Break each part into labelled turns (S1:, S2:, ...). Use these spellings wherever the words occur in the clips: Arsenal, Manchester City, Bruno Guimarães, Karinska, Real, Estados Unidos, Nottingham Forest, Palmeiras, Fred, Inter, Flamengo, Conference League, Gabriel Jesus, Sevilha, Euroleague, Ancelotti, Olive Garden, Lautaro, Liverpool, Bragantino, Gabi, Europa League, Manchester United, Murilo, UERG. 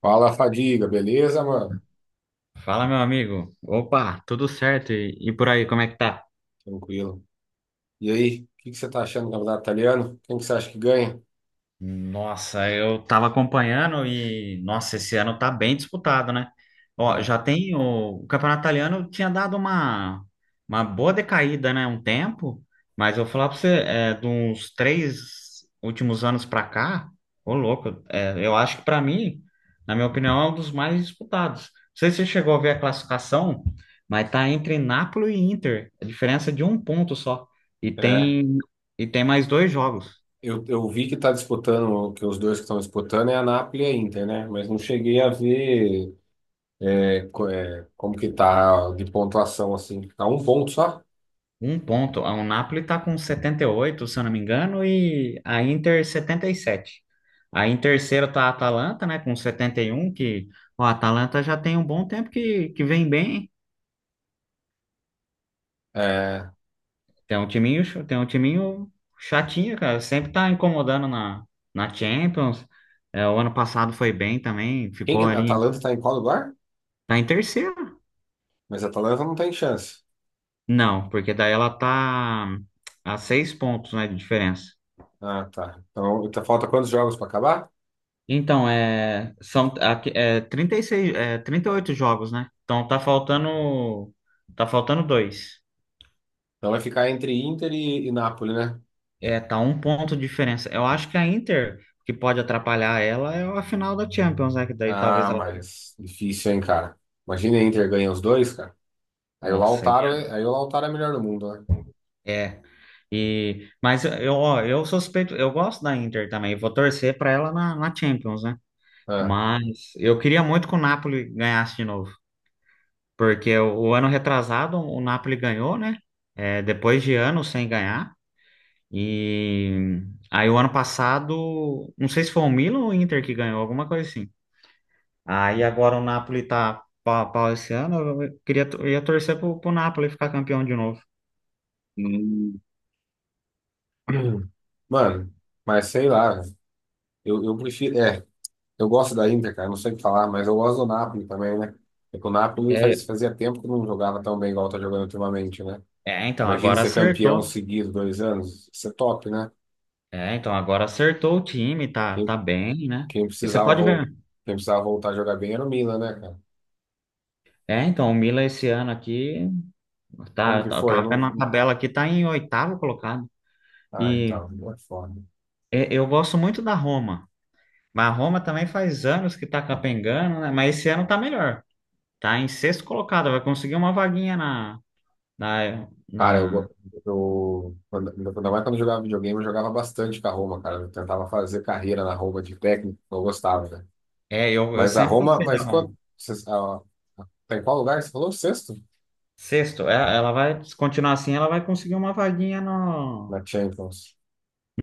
S1: Fala, Fadiga, beleza, mano?
S2: Fala, meu amigo. Opa, tudo certo? E por aí, como é que tá?
S1: Tranquilo. E aí, o que que você tá achando do campeonato italiano? Quem que você acha que ganha?
S2: Nossa, eu tava acompanhando e, nossa, esse ano tá bem disputado, né? Ó,
S1: É,
S2: já tem o campeonato italiano tinha dado uma boa decaída, né? Um tempo, mas eu vou falar pra você, é, de uns três últimos anos pra cá, ô louco, é, eu acho que pra mim, na minha opinião, é um dos mais disputados. Não sei se você chegou a ver a classificação, mas tá entre Napoli e Inter, a diferença é de um ponto só, e
S1: é.
S2: tem, e tem mais dois jogos.
S1: Eu vi que tá disputando, que os dois que estão disputando é a Napoli e a Inter, né? Mas não cheguei a ver como que tá de pontuação, assim. Tá um ponto só?
S2: Um ponto. O Napoli tá com 78 se eu não me engano, e a Inter 77. Aí em terceiro tá a Atalanta, né, com 71, que o Atalanta já tem um bom tempo que vem bem.
S1: É,
S2: Tem um timinho chatinho, cara, sempre tá incomodando na Champions. É, o ano passado foi bem também, ficou
S1: a
S2: ali,
S1: Atalanta tá em qual lugar?
S2: tá em terceiro.
S1: Mas a Atalanta não tem chance.
S2: Não, porque daí ela tá a 6 pontos, né, de diferença.
S1: Ah, tá. Então, falta quantos jogos pra acabar?
S2: Então, é, são é, 36, é, 38 jogos, né? Então tá faltando dois.
S1: Então vai ficar entre Inter e Napoli, né?
S2: É, tá um ponto de diferença. Eu acho que a Inter, que pode atrapalhar ela, é a final da Champions, né? Que daí
S1: Ah,
S2: talvez ela...
S1: mas difícil, hein, cara. Imagina a Inter ganha os dois, cara. Aí o
S2: Nossa,
S1: Lautaro, aí o Lautaro é melhor do mundo, né?
S2: é. E, mas eu, ó, eu suspeito, eu gosto da Inter também. Vou torcer pra ela na Champions, né?
S1: Ah.
S2: Mas eu queria muito que o Napoli ganhasse de novo. Porque o ano retrasado, o Napoli ganhou, né? É, depois de anos sem ganhar. E aí o ano passado, não sei se foi o Milan ou o Inter que ganhou, alguma coisa assim. Aí agora o Napoli tá pau a pau esse ano, eu queria, eu ia torcer pro Napoli ficar campeão de novo.
S1: Mano, mas sei lá, eu prefiro. É, eu gosto da Inter, cara, não sei o que falar, mas eu gosto do Napoli também, né? É que o Napoli
S2: É,
S1: fazia tempo que não jogava tão bem igual tá jogando ultimamente, né?
S2: é, então
S1: Imagina
S2: agora
S1: ser campeão
S2: acertou.
S1: seguido dois anos, isso é top, né?
S2: É, então agora acertou o time, tá,
S1: Quem,
S2: tá bem, né?
S1: quem
S2: E você
S1: precisava,
S2: pode ver, né?
S1: quem precisava voltar a jogar bem era o Milan, né, cara?
S2: É, então o Milan esse ano aqui,
S1: Como
S2: tá,
S1: que
S2: tá,
S1: foi?
S2: tá
S1: Eu
S2: vendo
S1: não.
S2: a
S1: não-
S2: tabela aqui, tá em oitavo colocado.
S1: Ah,
S2: E
S1: então, não é foda.
S2: eu gosto muito da Roma. Mas a Roma também faz anos que tá capengando, né? Mas esse ano tá melhor. Tá em sexto colocado, vai conseguir uma vaguinha na, na,
S1: Cara, eu,
S2: na...
S1: go- eu quando, ainda mais quando eu jogava videogame, eu jogava bastante com a Roma, cara. Eu tentava fazer carreira na Roma de técnico, eu gostava, né?
S2: É, eu
S1: Mas a
S2: sempre
S1: Roma,
S2: gostei da
S1: mas
S2: Roma.
S1: quando, vocês- a- tá em qual lugar? Você falou sexto?
S2: Sexto, é, ela vai, se continuar assim, ela vai conseguir uma vaguinha no...
S1: Na Champions.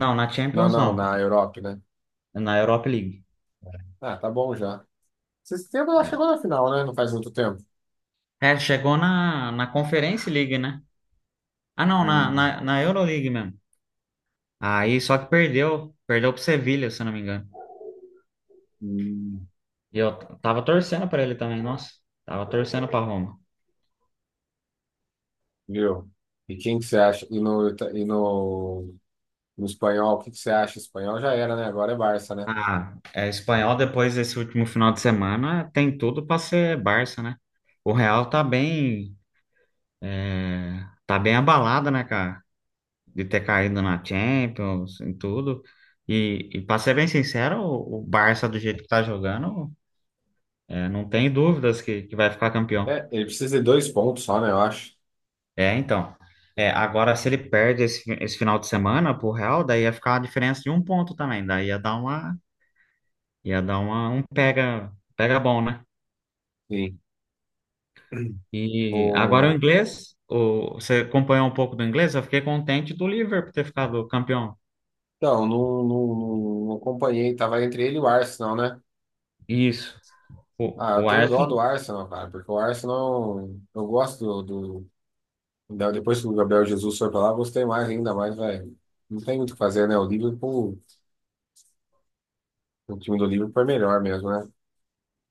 S2: Não, na
S1: Não,
S2: Champions
S1: não,
S2: não,
S1: na Europa, né?
S2: na Europa League.
S1: Ah, tá bom já. Esse tempo ela
S2: É,
S1: chegou na final, né? Não faz muito tempo.
S2: É, chegou na Conference League, né? Ah, não, na,
S1: Hum,
S2: na Euroleague mesmo. Aí, só que perdeu pro Sevilha, se eu não me engano.
S1: hum,
S2: E eu tava torcendo pra ele também, nossa. Tava torcendo pra Roma.
S1: viu? E quem que você acha? No espanhol, o que que você acha? Espanhol já era, né? Agora é Barça, né?
S2: Ah, é, espanhol depois desse último final de semana tem tudo para ser Barça, né? O Real tá bem, é, tá bem abalado, né, cara? De ter caído na Champions, em tudo. E para ser bem sincero, o Barça do jeito que tá jogando, é, não tem dúvidas que vai ficar campeão.
S1: É, ele precisa de dois pontos só, né? Eu acho.
S2: É, então. É, agora se ele perde esse final de semana pro Real, daí ia ficar a diferença de um ponto também. Daí ia dar uma, um pega bom, né?
S1: Sim.
S2: E agora o
S1: O...
S2: inglês, você acompanhou um pouco do inglês? Eu fiquei contente do Liverpool ter ficado campeão.
S1: Não, não, não, não, não acompanhei. Tava entre ele e o Arsenal, né?
S2: Isso.
S1: Ah,
S2: O,
S1: eu
S2: o
S1: tenho dó do
S2: Arsenal.
S1: Arsenal, cara, porque o Arsenal, eu gosto do... Depois que o Gabriel Jesus foi pra lá, eu gostei mais, ainda mais, velho. Não tem muito o que fazer, né? O Liverpool, o time do Liverpool é melhor mesmo, né?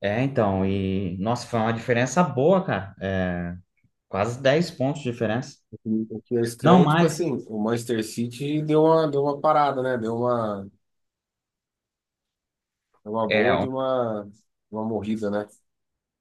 S2: É, então, e nossa, foi uma diferença boa, cara. É, quase 10 pontos de diferença.
S1: O que é
S2: Não
S1: estranho, é, tipo
S2: mais.
S1: assim, o Manchester City deu uma parada, né? Deu uma boa
S2: É,
S1: de uma morrida, né?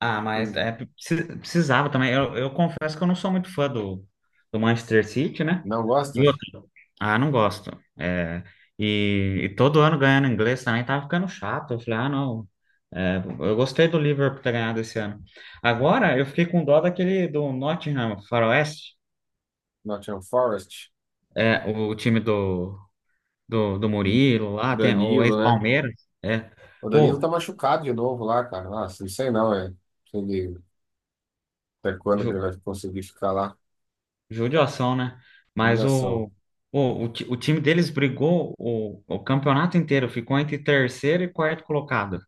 S2: ah, mas é, precisava também. Eu confesso que eu não sou muito fã do Manchester City, né?
S1: Não gosta?
S2: E outro. Ah, não gosto. É, e todo ano ganhando inglês também tava ficando chato. Eu falei, ah, não. É, eu gostei do Liverpool ter ganhado esse ano. Agora eu fiquei com dó daquele do Nottingham Faroeste,
S1: Nottingham Forest,
S2: é, o time do, do Murilo lá, tem o
S1: Danilo, né?
S2: ex-Palmeiras. É.
S1: O Danilo
S2: Pô,
S1: tá machucado de novo lá, cara. Nossa, não sei não, é. Se ele- Até quando que ele vai conseguir ficar lá?
S2: judiação, né? Mas
S1: Ligação.
S2: o time deles brigou o campeonato inteiro, ficou entre terceiro e quarto colocado.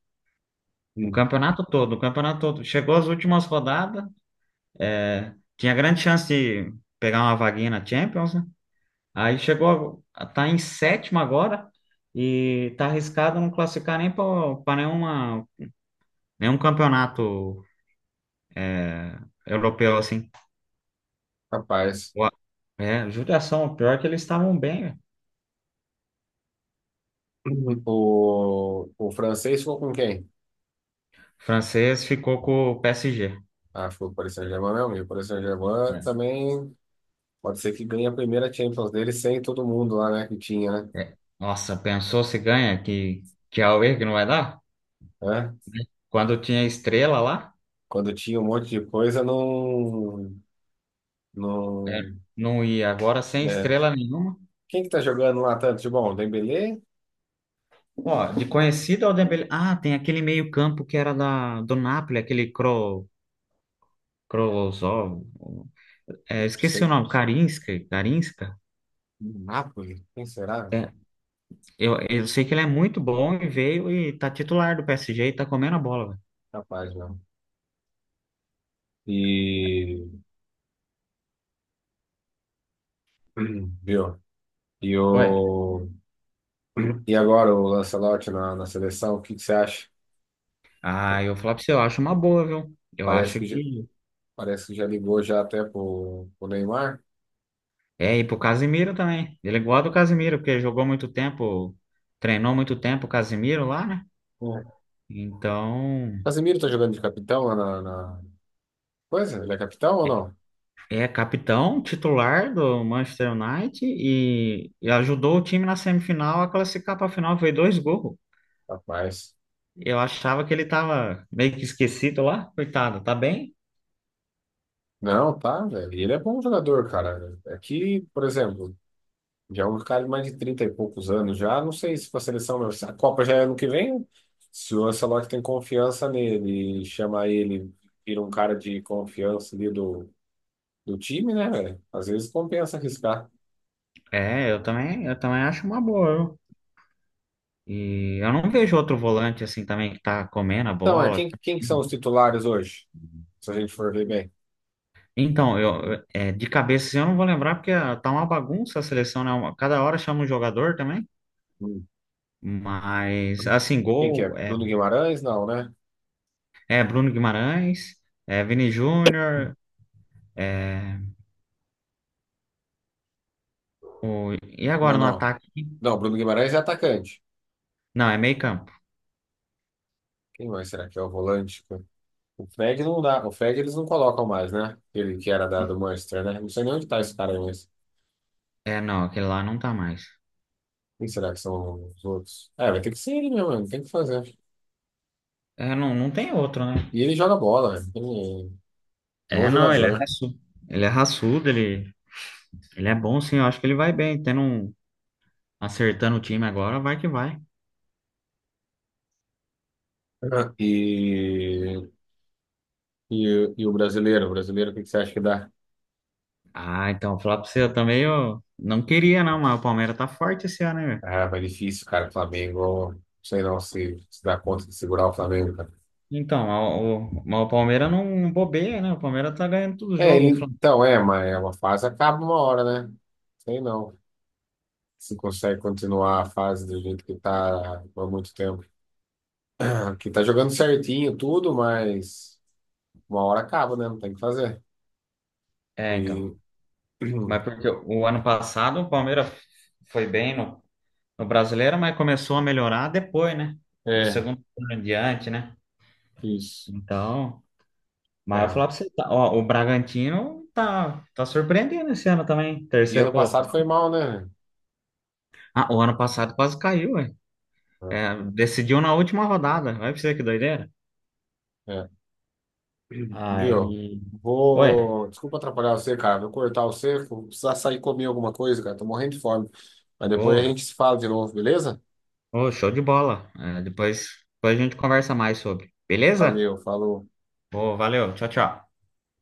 S2: O
S1: Hum.
S2: campeonato todo, o campeonato todo. Chegou às últimas rodadas, tinha grande chance de pegar uma vaguinha na Champions, né? Aí chegou, a tá em sétimo agora e tá arriscado não classificar nem para nenhuma, nenhum campeonato europeu, assim.
S1: Rapaz.
S2: O- É, judiação, o pior é que eles estavam bem, né?
S1: Uhum. O francês ficou com quem?
S2: O francês ficou com o PSG.
S1: Ah, ficou com o Paris Saint-Germain mesmo. E o Paris Saint-Germain também pode ser que ganhe a primeira Champions dele sem todo mundo lá, né? Que tinha, né?
S2: É, nossa, pensou se ganha, que a UERG não vai dar?
S1: É?
S2: Quando tinha estrela lá,
S1: Quando tinha um monte de coisa, não...
S2: é,
S1: não
S2: não ia. Agora sem
S1: é.
S2: estrela nenhuma.
S1: Quem que tá jogando lá tanto de bom? Dembélé? Não
S2: Ó, de conhecido ao Dembélé. Ah, tem aquele meio-campo que era da, do Napoli, aquele Krolozov. É, esqueci o
S1: sei.
S2: nome, Karinska, Karinska.
S1: Napoli? Quem será?
S2: É, eu sei que ele é muito bom e veio e tá titular do PSG e tá comendo a bola, velho.
S1: Capaz, não. E viu? E
S2: Ué,
S1: o e agora o Lancelotti na, na seleção, o que que você acha?
S2: ah, eu vou falar pra você, eu acho uma boa, viu? Eu
S1: Parece
S2: acho
S1: que já,
S2: que...
S1: parece que já ligou já até pro Neymar.
S2: É, e pro Casimiro também. Ele é igual ao do Casimiro, porque jogou muito tempo, treinou muito tempo o Casimiro lá, né?
S1: O
S2: Então,
S1: Casemiro tá jogando de capitão lá na, na coisa? Ele é capitão ou não?
S2: é capitão titular do Manchester United e ajudou o time na semifinal a classificar para a final, foi dois gols.
S1: Rapaz.
S2: Eu achava que ele tava meio que esquecido lá, coitado, tá bem?
S1: Não, tá, velho. E ele é bom jogador, cara. É que, por exemplo, já é um cara de mais de 30 e poucos anos já. Não sei se para a seleção, não. Se a Copa já é ano que vem. Se o Ancelotti tem confiança nele, e chama ele, vira um cara de confiança ali do, do time, né, velho? Às vezes compensa arriscar.
S2: É, eu também, acho uma boa, viu? E eu não vejo outro volante assim também que tá comendo a
S1: Então, é
S2: bola.
S1: quem que são os titulares hoje? Se a gente for ver bem.
S2: Então, eu, é, de cabeça eu não vou lembrar porque ah, tá uma bagunça a seleção, né? Cada hora chama um jogador também.
S1: Hum.
S2: Mas, assim,
S1: Quem que é?
S2: gol é,
S1: Bruno Guimarães? Não, né?
S2: é Bruno Guimarães, é Vini Júnior. É, e
S1: Não,
S2: agora no
S1: não.
S2: ataque?
S1: Não, Bruno Guimarães é atacante.
S2: Não, é meio campo.
S1: Quem mais será que é o volante? O Fred não dá. O Fred eles não colocam mais, né? Ele que era da, do Manchester, né? Não sei nem onde tá esse cara aí, mas.
S2: É, não, aquele lá não tá mais.
S1: Quem será que são os outros? É, vai ter que ser ele mesmo, mano. Tem que fazer.
S2: É, não, não tem outro, né?
S1: E ele joga bola, né? Ele é bom
S2: É, não, ele é
S1: jogador.
S2: raçudo. Ele é raçudo, ele é bom, sim. Eu acho que ele vai bem. Tendo um, acertando o time agora, vai que vai.
S1: E, e, e o brasileiro? O brasileiro, o que que você acha que dá?
S2: Ah, então, falar pra você, eu também eu não queria, não, mas o Palmeiras tá forte esse ano, né?
S1: Ah, mas difícil, cara. Flamengo, não sei não se, se dá conta de segurar o Flamengo, cara.
S2: Então, mas o Palmeiras não bobeia, né? O Palmeiras tá ganhando todo jogo.
S1: Mas é uma fase acaba uma hora, né? Sei não. Se consegue continuar a fase do jeito que tá por muito tempo. que tá jogando certinho tudo, mas uma hora acaba, né? Não tem o que fazer.
S2: É,
S1: E
S2: então. Mas porque o ano passado o Palmeiras foi bem no, Brasileiro, mas começou a melhorar depois, né? Do
S1: é,
S2: segundo turno em diante, né?
S1: isso.
S2: Então, mas eu vou
S1: É.
S2: falar pra você, tá, ó, o Bragantino tá surpreendendo esse ano também,
S1: E
S2: terceiro
S1: ano passado foi
S2: colocado.
S1: mal, né?
S2: Ah, o ano passado quase caiu, ué. É, decidiu na última rodada. Vai pra você que doideira.
S1: É. Viu?
S2: Aí, ué,
S1: Vou. Desculpa atrapalhar você, cara. Vou cortar você. Vou precisar sair comer alguma coisa, cara. Tô morrendo de fome. Mas depois a
S2: pô,
S1: gente se fala de novo, beleza?
S2: ô, show de bola. É, depois a gente conversa mais sobre. Beleza?
S1: Valeu, falou.
S2: Ô, valeu. Tchau, tchau.